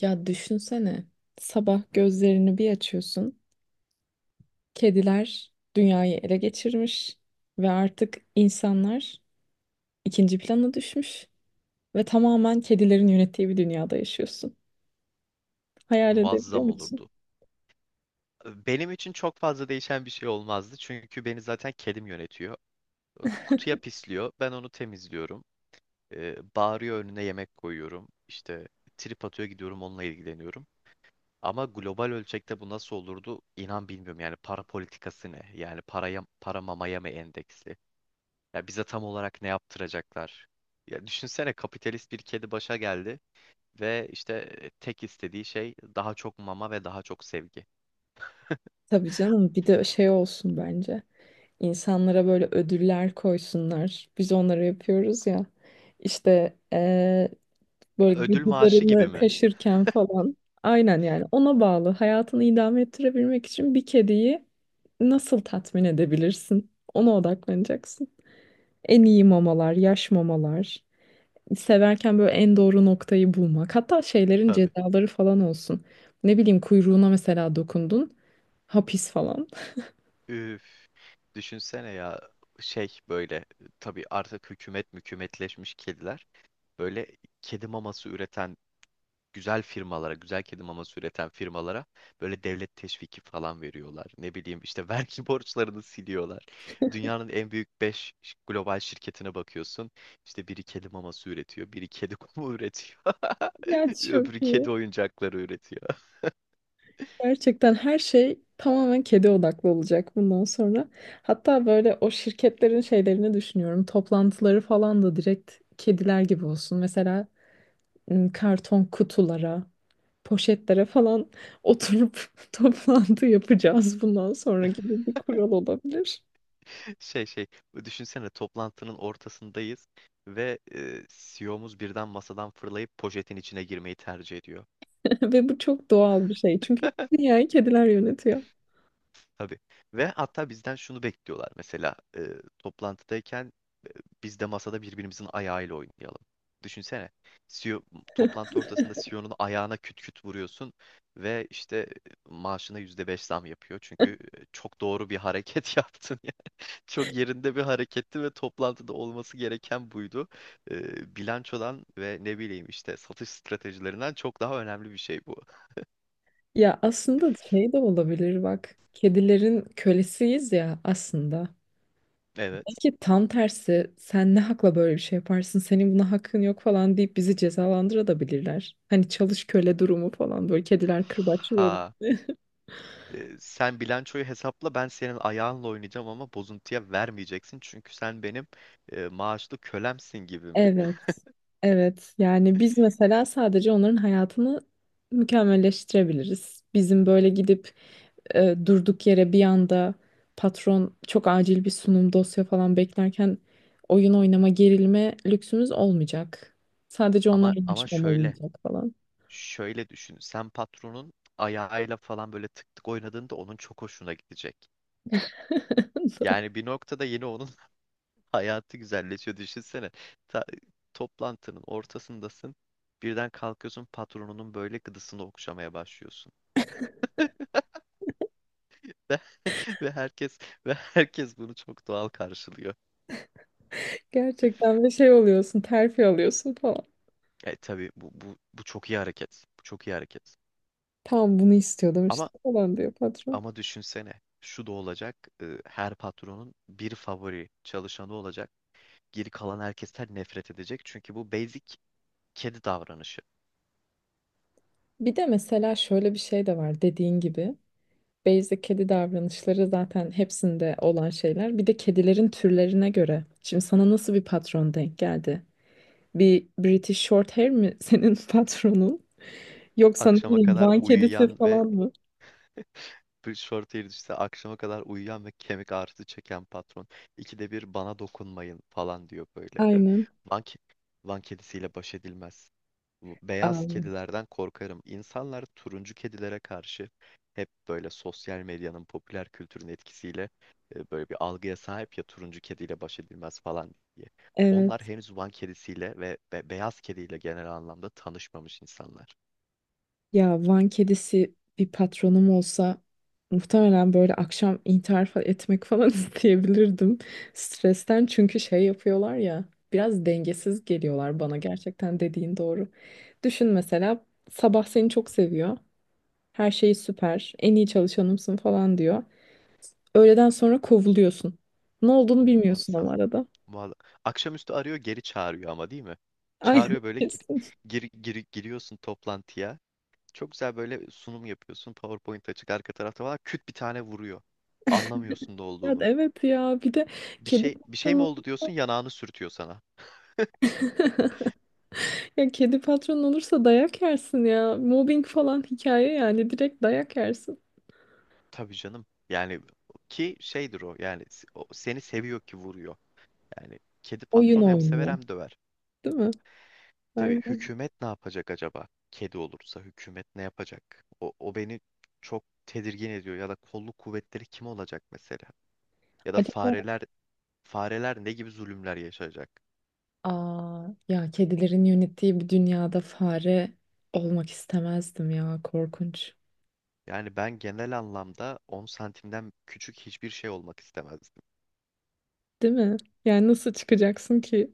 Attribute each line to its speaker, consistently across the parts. Speaker 1: Ya düşünsene, sabah gözlerini bir açıyorsun, kediler dünyayı ele geçirmiş ve artık insanlar ikinci plana düşmüş ve tamamen kedilerin yönettiği bir dünyada yaşıyorsun. Hayal edebiliyor
Speaker 2: Muazzam
Speaker 1: musun?
Speaker 2: olurdu. Benim için çok fazla değişen bir şey olmazdı. Çünkü beni zaten kedim yönetiyor. Kutuya pisliyor. Ben onu temizliyorum. Bağırıyor önüne yemek koyuyorum. İşte trip atıyor gidiyorum onunla ilgileniyorum. Ama global ölçekte bu nasıl olurdu? İnan bilmiyorum. Yani para politikası ne? Yani para mamaya mı endeksli? Ya bize tam olarak ne yaptıracaklar? Ya düşünsene kapitalist bir kedi başa geldi ve işte tek istediği şey daha çok mama ve daha çok sevgi.
Speaker 1: Tabii canım, bir de şey olsun bence. İnsanlara böyle ödüller koysunlar. Biz onları yapıyoruz ya. İşte böyle
Speaker 2: Ödül maaşı gibi
Speaker 1: gıdılarını
Speaker 2: mi?
Speaker 1: kaşırken falan. Aynen yani ona bağlı. Hayatını idame ettirebilmek için bir kediyi nasıl tatmin edebilirsin? Ona odaklanacaksın. En iyi mamalar, yaş mamalar. Severken böyle en doğru noktayı bulmak. Hatta şeylerin
Speaker 2: Tabii.
Speaker 1: cezaları falan olsun. Ne bileyim kuyruğuna mesela dokundun. Hapis falan.
Speaker 2: Üf. Düşünsene ya şey böyle, tabii artık hükümet mükümetleşmiş kediler böyle kedi maması üreten güzel kedi maması üreten firmalara böyle devlet teşviki falan veriyorlar. Ne bileyim işte vergi borçlarını siliyorlar. Dünyanın en büyük 5 global şirketine bakıyorsun. İşte biri kedi maması üretiyor, biri kedi kumu üretiyor.
Speaker 1: Ya çok
Speaker 2: Öbürü
Speaker 1: iyi.
Speaker 2: kedi oyuncakları üretiyor.
Speaker 1: Gerçekten her şey tamamen kedi odaklı olacak bundan sonra. Hatta böyle o şirketlerin şeylerini düşünüyorum. Toplantıları falan da direkt kediler gibi olsun. Mesela karton kutulara, poşetlere falan oturup toplantı yapacağız bundan sonra gibi bir kural olabilir.
Speaker 2: Şey şey Düşünsene toplantının ortasındayız ve CEO'muz birden masadan fırlayıp poşetin içine girmeyi tercih ediyor.
Speaker 1: Ve bu çok doğal bir şey. Çünkü dünyayı kediler yönetiyor.
Speaker 2: Tabii. Ve hatta bizden şunu bekliyorlar mesela, toplantıdayken biz de masada birbirimizin ayağıyla oynayalım. Düşünsene, CEO, toplantı ortasında CEO'nun ayağına küt küt vuruyorsun ve işte maaşına %5 zam yapıyor. Çünkü çok doğru bir hareket yaptın, çok yerinde bir hareketti ve toplantıda olması gereken buydu. Bilançodan ve ne bileyim işte satış stratejilerinden çok daha önemli bir şey bu.
Speaker 1: Ya aslında şey de olabilir bak. Kedilerin kölesiyiz ya aslında.
Speaker 2: Evet.
Speaker 1: Belki tam tersi sen ne hakla böyle bir şey yaparsın senin buna hakkın yok falan deyip bizi cezalandırabilirler. Hani çalış köle durumu falan böyle kediler kırbaçlıyor.
Speaker 2: Ha. Sen bilançoyu hesapla ben senin ayağınla oynayacağım ama bozuntuya vermeyeceksin çünkü sen benim maaşlı kölemsin gibi mi?
Speaker 1: Evet, evet. Yani biz mesela sadece onların hayatını mükemmelleştirebiliriz. Bizim böyle gidip durduk yere bir anda patron çok acil bir sunum dosya falan beklerken oyun oynama gerilme lüksümüz olmayacak. Sadece onlar
Speaker 2: Ama
Speaker 1: yaşamalı
Speaker 2: şöyle
Speaker 1: yiyecek falan.
Speaker 2: şöyle düşün, sen patronun ayağıyla falan böyle tık tık oynadığında onun çok hoşuna gidecek. Yani bir noktada yine onun hayatı güzelleşiyor, düşünsene. Ta- Toplantının ortasındasın. Birden kalkıyorsun patronunun böyle gıdısını okşamaya başlıyorsun. Ve, ve herkes ve herkes bunu çok doğal karşılıyor.
Speaker 1: Gerçekten bir şey oluyorsun, terfi alıyorsun falan.
Speaker 2: Tabii bu çok iyi hareket. Bu çok iyi hareket.
Speaker 1: Tamam bunu istiyordum işte
Speaker 2: Ama
Speaker 1: falan diyor patron.
Speaker 2: ama düşünsene şu da olacak. Her patronun bir favori çalışanı olacak. Geri kalan herkesten nefret edecek. Çünkü bu basic kedi davranışı.
Speaker 1: Bir de mesela şöyle bir şey de var dediğin gibi. Basic kedi davranışları zaten hepsinde olan şeyler. Bir de kedilerin türlerine göre. Şimdi sana nasıl bir patron denk geldi? Bir British Shorthair mi senin patronun? Yoksa ne
Speaker 2: Akşama
Speaker 1: bileyim
Speaker 2: kadar
Speaker 1: Van kedisi
Speaker 2: uyuyan ve
Speaker 1: falan mı?
Speaker 2: Bir short hair işte akşama kadar uyuyan ve kemik ağrısı çeken patron. İkide bir bana dokunmayın falan diyor böyle.
Speaker 1: Aynen.
Speaker 2: Van, ke- Van kedisiyle baş edilmez. Bu
Speaker 1: Aa,
Speaker 2: beyaz kedilerden korkarım. İnsanlar turuncu kedilere karşı hep böyle sosyal medyanın, popüler kültürün etkisiyle böyle bir algıya sahip, ya turuncu kediyle baş edilmez falan diye. Onlar
Speaker 1: evet.
Speaker 2: henüz Van kedisiyle ve beyaz kediyle genel anlamda tanışmamış insanlar.
Speaker 1: Ya Van kedisi bir patronum olsa muhtemelen böyle akşam intihar fa- etmek falan isteyebilirdim. Stresten çünkü şey yapıyorlar ya biraz dengesiz geliyorlar bana gerçekten dediğin doğru. Düşün mesela sabah seni çok seviyor. Her şeyi süper, en iyi çalışanımsın falan diyor. Öğleden sonra kovuluyorsun. Ne olduğunu bilmiyorsun
Speaker 2: Muazzam.
Speaker 1: ama arada.
Speaker 2: Vallahi. Akşamüstü arıyor geri çağırıyor ama, değil mi?
Speaker 1: Aynen
Speaker 2: Çağırıyor böyle,
Speaker 1: kesin.
Speaker 2: giriyorsun toplantıya. Çok güzel böyle sunum yapıyorsun. PowerPoint açık arka tarafta var. Küt bir tane vuruyor. Anlamıyorsun ne
Speaker 1: Ya,
Speaker 2: olduğunu.
Speaker 1: evet ya bir de
Speaker 2: Bir
Speaker 1: kedi
Speaker 2: şey bir şey mi
Speaker 1: patronu.
Speaker 2: oldu diyorsun, yanağını sürtüyor sana.
Speaker 1: Ya kedi patron olursa dayak yersin ya. Mobbing falan hikaye yani direkt dayak yersin.
Speaker 2: Tabii canım. Yani ki şeydir o, yani o seni seviyor ki vuruyor. Yani kedi
Speaker 1: Oyun
Speaker 2: patron hem sever
Speaker 1: oynuyor.
Speaker 2: hem döver.
Speaker 1: Değil mi?
Speaker 2: Tabii
Speaker 1: Aynen.
Speaker 2: hükümet ne yapacak acaba? Kedi olursa hükümet ne yapacak? O beni çok tedirgin ediyor. Ya da kolluk kuvvetleri kim olacak mesela? Ya da
Speaker 1: Acaba
Speaker 2: fareler ne gibi zulümler yaşayacak?
Speaker 1: aa, ya kedilerin yönettiği bir dünyada fare olmak istemezdim ya korkunç.
Speaker 2: Yani ben genel anlamda 10 santimden küçük hiçbir şey olmak istemezdim.
Speaker 1: Değil mi? Yani nasıl çıkacaksın ki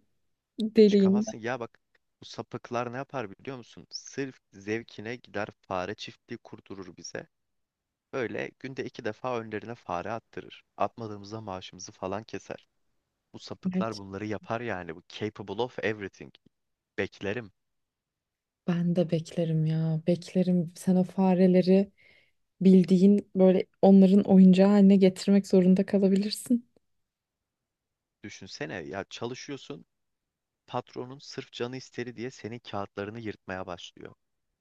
Speaker 1: deliğin?
Speaker 2: Çıkamazsın. Ya bak, bu sapıklar ne yapar biliyor musun? Sırf zevkine gider fare çiftliği kurdurur bize. Böyle günde 2 defa önlerine fare attırır. Atmadığımızda maaşımızı falan keser. Bu sapıklar
Speaker 1: Evet.
Speaker 2: bunları yapar yani. Bu capable of everything. Beklerim.
Speaker 1: Ben de beklerim ya beklerim. Sen o fareleri bildiğin böyle onların oyuncağı haline getirmek zorunda kalabilirsin.
Speaker 2: Düşünsene ya, çalışıyorsun. Patronun sırf canı istedi diye senin kağıtlarını yırtmaya başlıyor.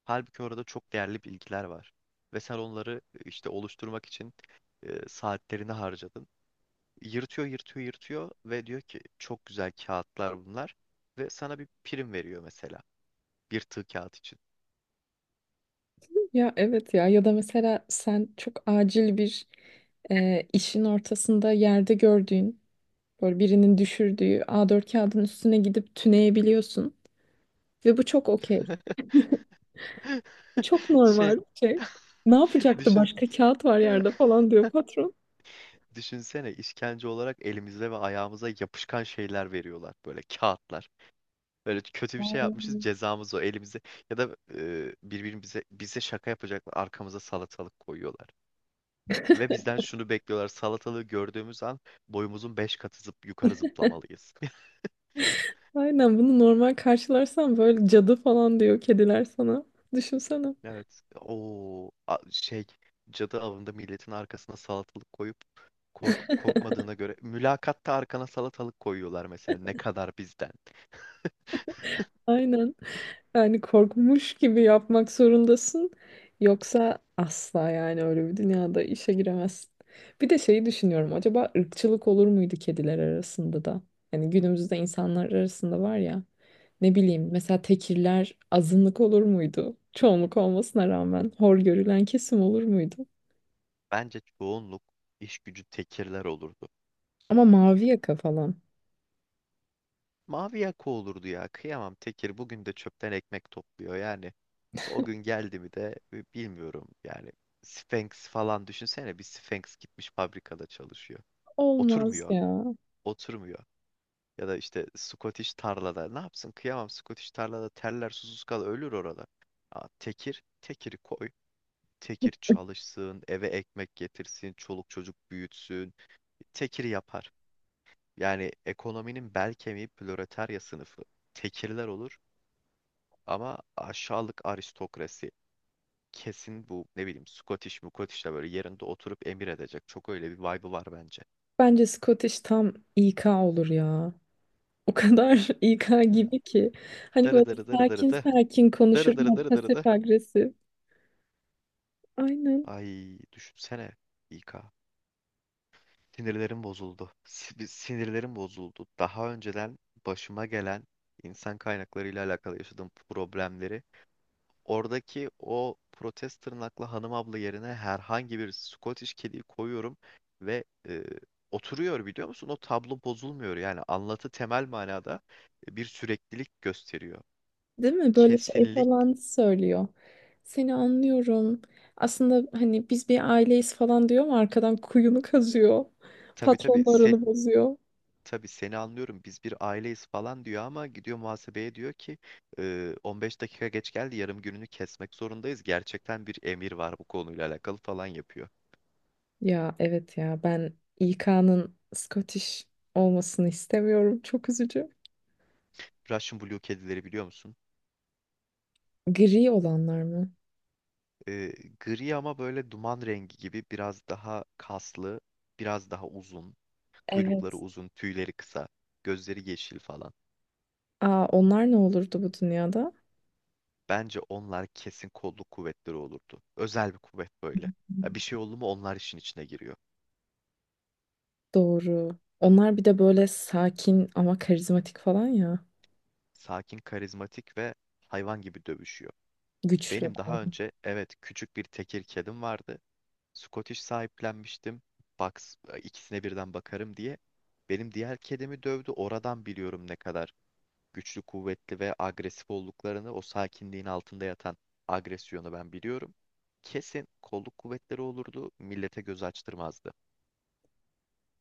Speaker 2: Halbuki orada çok değerli bilgiler var. Ve sen onları işte oluşturmak için saatlerini harcadın. Yırtıyor, yırtıyor, yırtıyor ve diyor ki çok güzel kağıtlar bunlar. Ve sana bir prim veriyor mesela. Bir tığ kağıt için.
Speaker 1: Ya evet ya ya da mesela sen çok acil bir işin ortasında yerde gördüğün böyle birinin düşürdüğü A4 kağıdın üstüne gidip tüneyebiliyorsun ve bu çok okey. Bu çok
Speaker 2: Şey
Speaker 1: normal bir şey. Ne yapacaktı
Speaker 2: Düşün.
Speaker 1: başka kağıt var yerde falan diyor patron.
Speaker 2: Düşünsene, işkence olarak elimize ve ayağımıza yapışkan şeyler veriyorlar. Böyle kağıtlar. Böyle kötü bir şey yapmışız,
Speaker 1: Ay.
Speaker 2: cezamız o elimize. Ya da bize şaka yapacaklar, arkamıza salatalık koyuyorlar. Ve bizden şunu bekliyorlar, salatalığı gördüğümüz an boyumuzun 5 katı zıp yukarı zıplamalıyız.
Speaker 1: Aynen bunu normal karşılarsan böyle cadı falan diyor kediler sana. Düşünsene.
Speaker 2: Evet. O şey, cadı avında milletin arkasına salatalık koyup korkmadığına göre, mülakatta arkana salatalık koyuyorlar mesela, ne kadar bizden.
Speaker 1: Aynen. Yani korkmuş gibi yapmak zorundasın. Yoksa asla yani öyle bir dünyada işe giremezsin. Bir de şeyi düşünüyorum. Acaba ırkçılık olur muydu kediler arasında da? Yani günümüzde insanlar arasında var ya. Ne bileyim mesela tekirler azınlık olur muydu? Çoğunluk olmasına rağmen hor görülen kesim olur muydu?
Speaker 2: Bence çoğunluk iş gücü tekirler olurdu.
Speaker 1: Ama mavi yaka falan.
Speaker 2: Mavi yaka olurdu ya. Kıyamam, tekir bugün de çöpten ekmek topluyor. Yani o gün geldi mi de bilmiyorum. Yani Sphinx falan düşünsene, bir Sphinx gitmiş fabrikada çalışıyor.
Speaker 1: Olmaz
Speaker 2: Oturmuyor.
Speaker 1: ya.
Speaker 2: Oturmuyor. Ya da işte Scottish tarlada. Ne yapsın? Kıyamam, Scottish tarlada terler, susuz kal ölür orada. Aa, tekir, tekiri koy. Tekir çalışsın, eve ekmek getirsin, çoluk çocuk büyütsün. Tekir yapar. Yani ekonominin bel kemiği proletarya sınıfı, tekirler olur. Ama aşağılık aristokrasi kesin bu, ne bileyim Scottish Mukottish de böyle yerinde oturup emir edecek. Çok öyle bir vibe'ı var bence.
Speaker 1: Bence Scottish tam İK olur ya. O kadar İK
Speaker 2: Ha.
Speaker 1: gibi ki. Hani böyle
Speaker 2: Darı darı darı darı
Speaker 1: sakin
Speaker 2: da.
Speaker 1: sakin konuşur
Speaker 2: Darı darı
Speaker 1: ama
Speaker 2: darı darı da.
Speaker 1: pasif agresif. Aynen.
Speaker 2: Ay, düşünsene, İK. Sinirlerim bozuldu. Sinirlerim bozuldu. Daha önceden başıma gelen insan kaynakları ile alakalı yaşadığım problemleri, oradaki o protez tırnaklı hanım abla yerine herhangi bir Scottish kediyi koyuyorum ve oturuyor, biliyor musun? O tablo bozulmuyor. Yani anlatı temel manada bir süreklilik gösteriyor.
Speaker 1: Değil mi? Böyle şey
Speaker 2: Kesinlik
Speaker 1: falan söylüyor. Seni anlıyorum. Aslında hani biz bir aileyiz falan diyor ama arkadan kuyunu kazıyor.
Speaker 2: tabii tabii sen
Speaker 1: Patronlarını bozuyor.
Speaker 2: tabii, seni anlıyorum, biz bir aileyiz falan diyor ama gidiyor muhasebeye diyor ki, 15 dakika geç geldi, yarım gününü kesmek zorundayız. Gerçekten bir emir var, bu konuyla alakalı falan yapıyor.
Speaker 1: Ya evet ya ben İK'nın Scottish olmasını istemiyorum. Çok üzücü.
Speaker 2: Russian Blue kedileri biliyor musun?
Speaker 1: Gri olanlar mı?
Speaker 2: E, Gri ama böyle duman rengi gibi, biraz daha kaslı, biraz daha uzun. Kuyrukları
Speaker 1: Evet.
Speaker 2: uzun, tüyleri kısa, gözleri yeşil falan.
Speaker 1: Aa, onlar ne olurdu bu dünyada?
Speaker 2: Bence onlar kesin kolluk kuvvetleri olurdu. Özel bir kuvvet böyle. Ya bir şey oldu mu onlar işin içine giriyor.
Speaker 1: Doğru. Onlar bir de böyle sakin ama karizmatik falan ya.
Speaker 2: Sakin, karizmatik ve hayvan gibi dövüşüyor.
Speaker 1: Güçlü.
Speaker 2: Benim daha önce, evet, küçük bir tekir kedim vardı. Scottish sahiplenmiştim. Box, ikisine birden bakarım diye. Benim diğer kedimi dövdü. Oradan biliyorum ne kadar güçlü, kuvvetli ve agresif olduklarını, o sakinliğin altında yatan agresyonu ben biliyorum. Kesin kolluk kuvvetleri olurdu, millete göz açtırmazdı.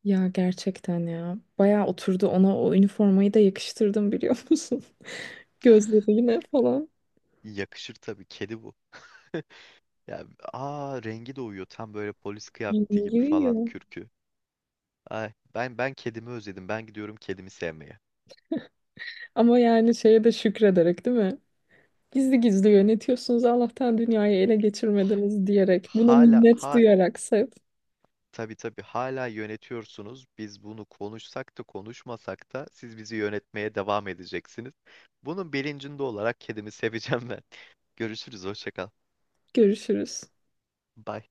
Speaker 1: Ya gerçekten ya. Bayağı oturdu ona o üniformayı da yakıştırdım biliyor musun? Gözlerine falan.
Speaker 2: Yakışır tabii, kedi bu. Ya, aa, rengi de uyuyor, tam böyle polis kıyafeti gibi falan
Speaker 1: Giriyor.
Speaker 2: kürkü. Ay, ben kedimi özledim. Ben gidiyorum kedimi sevmeye.
Speaker 1: Ama yani şeye de şükrederek değil mi? Gizli gizli yönetiyorsunuz Allah'tan dünyayı ele
Speaker 2: H-
Speaker 1: geçirmediniz diyerek. Buna
Speaker 2: Hala,
Speaker 1: minnet
Speaker 2: hala.
Speaker 1: duyarak sev.
Speaker 2: Tabii, tabii, hala yönetiyorsunuz. Biz bunu konuşsak da konuşmasak da siz bizi yönetmeye devam edeceksiniz. Bunun bilincinde olarak kedimi seveceğim ben. Görüşürüz, hoşça kal.
Speaker 1: Görüşürüz.
Speaker 2: Bye.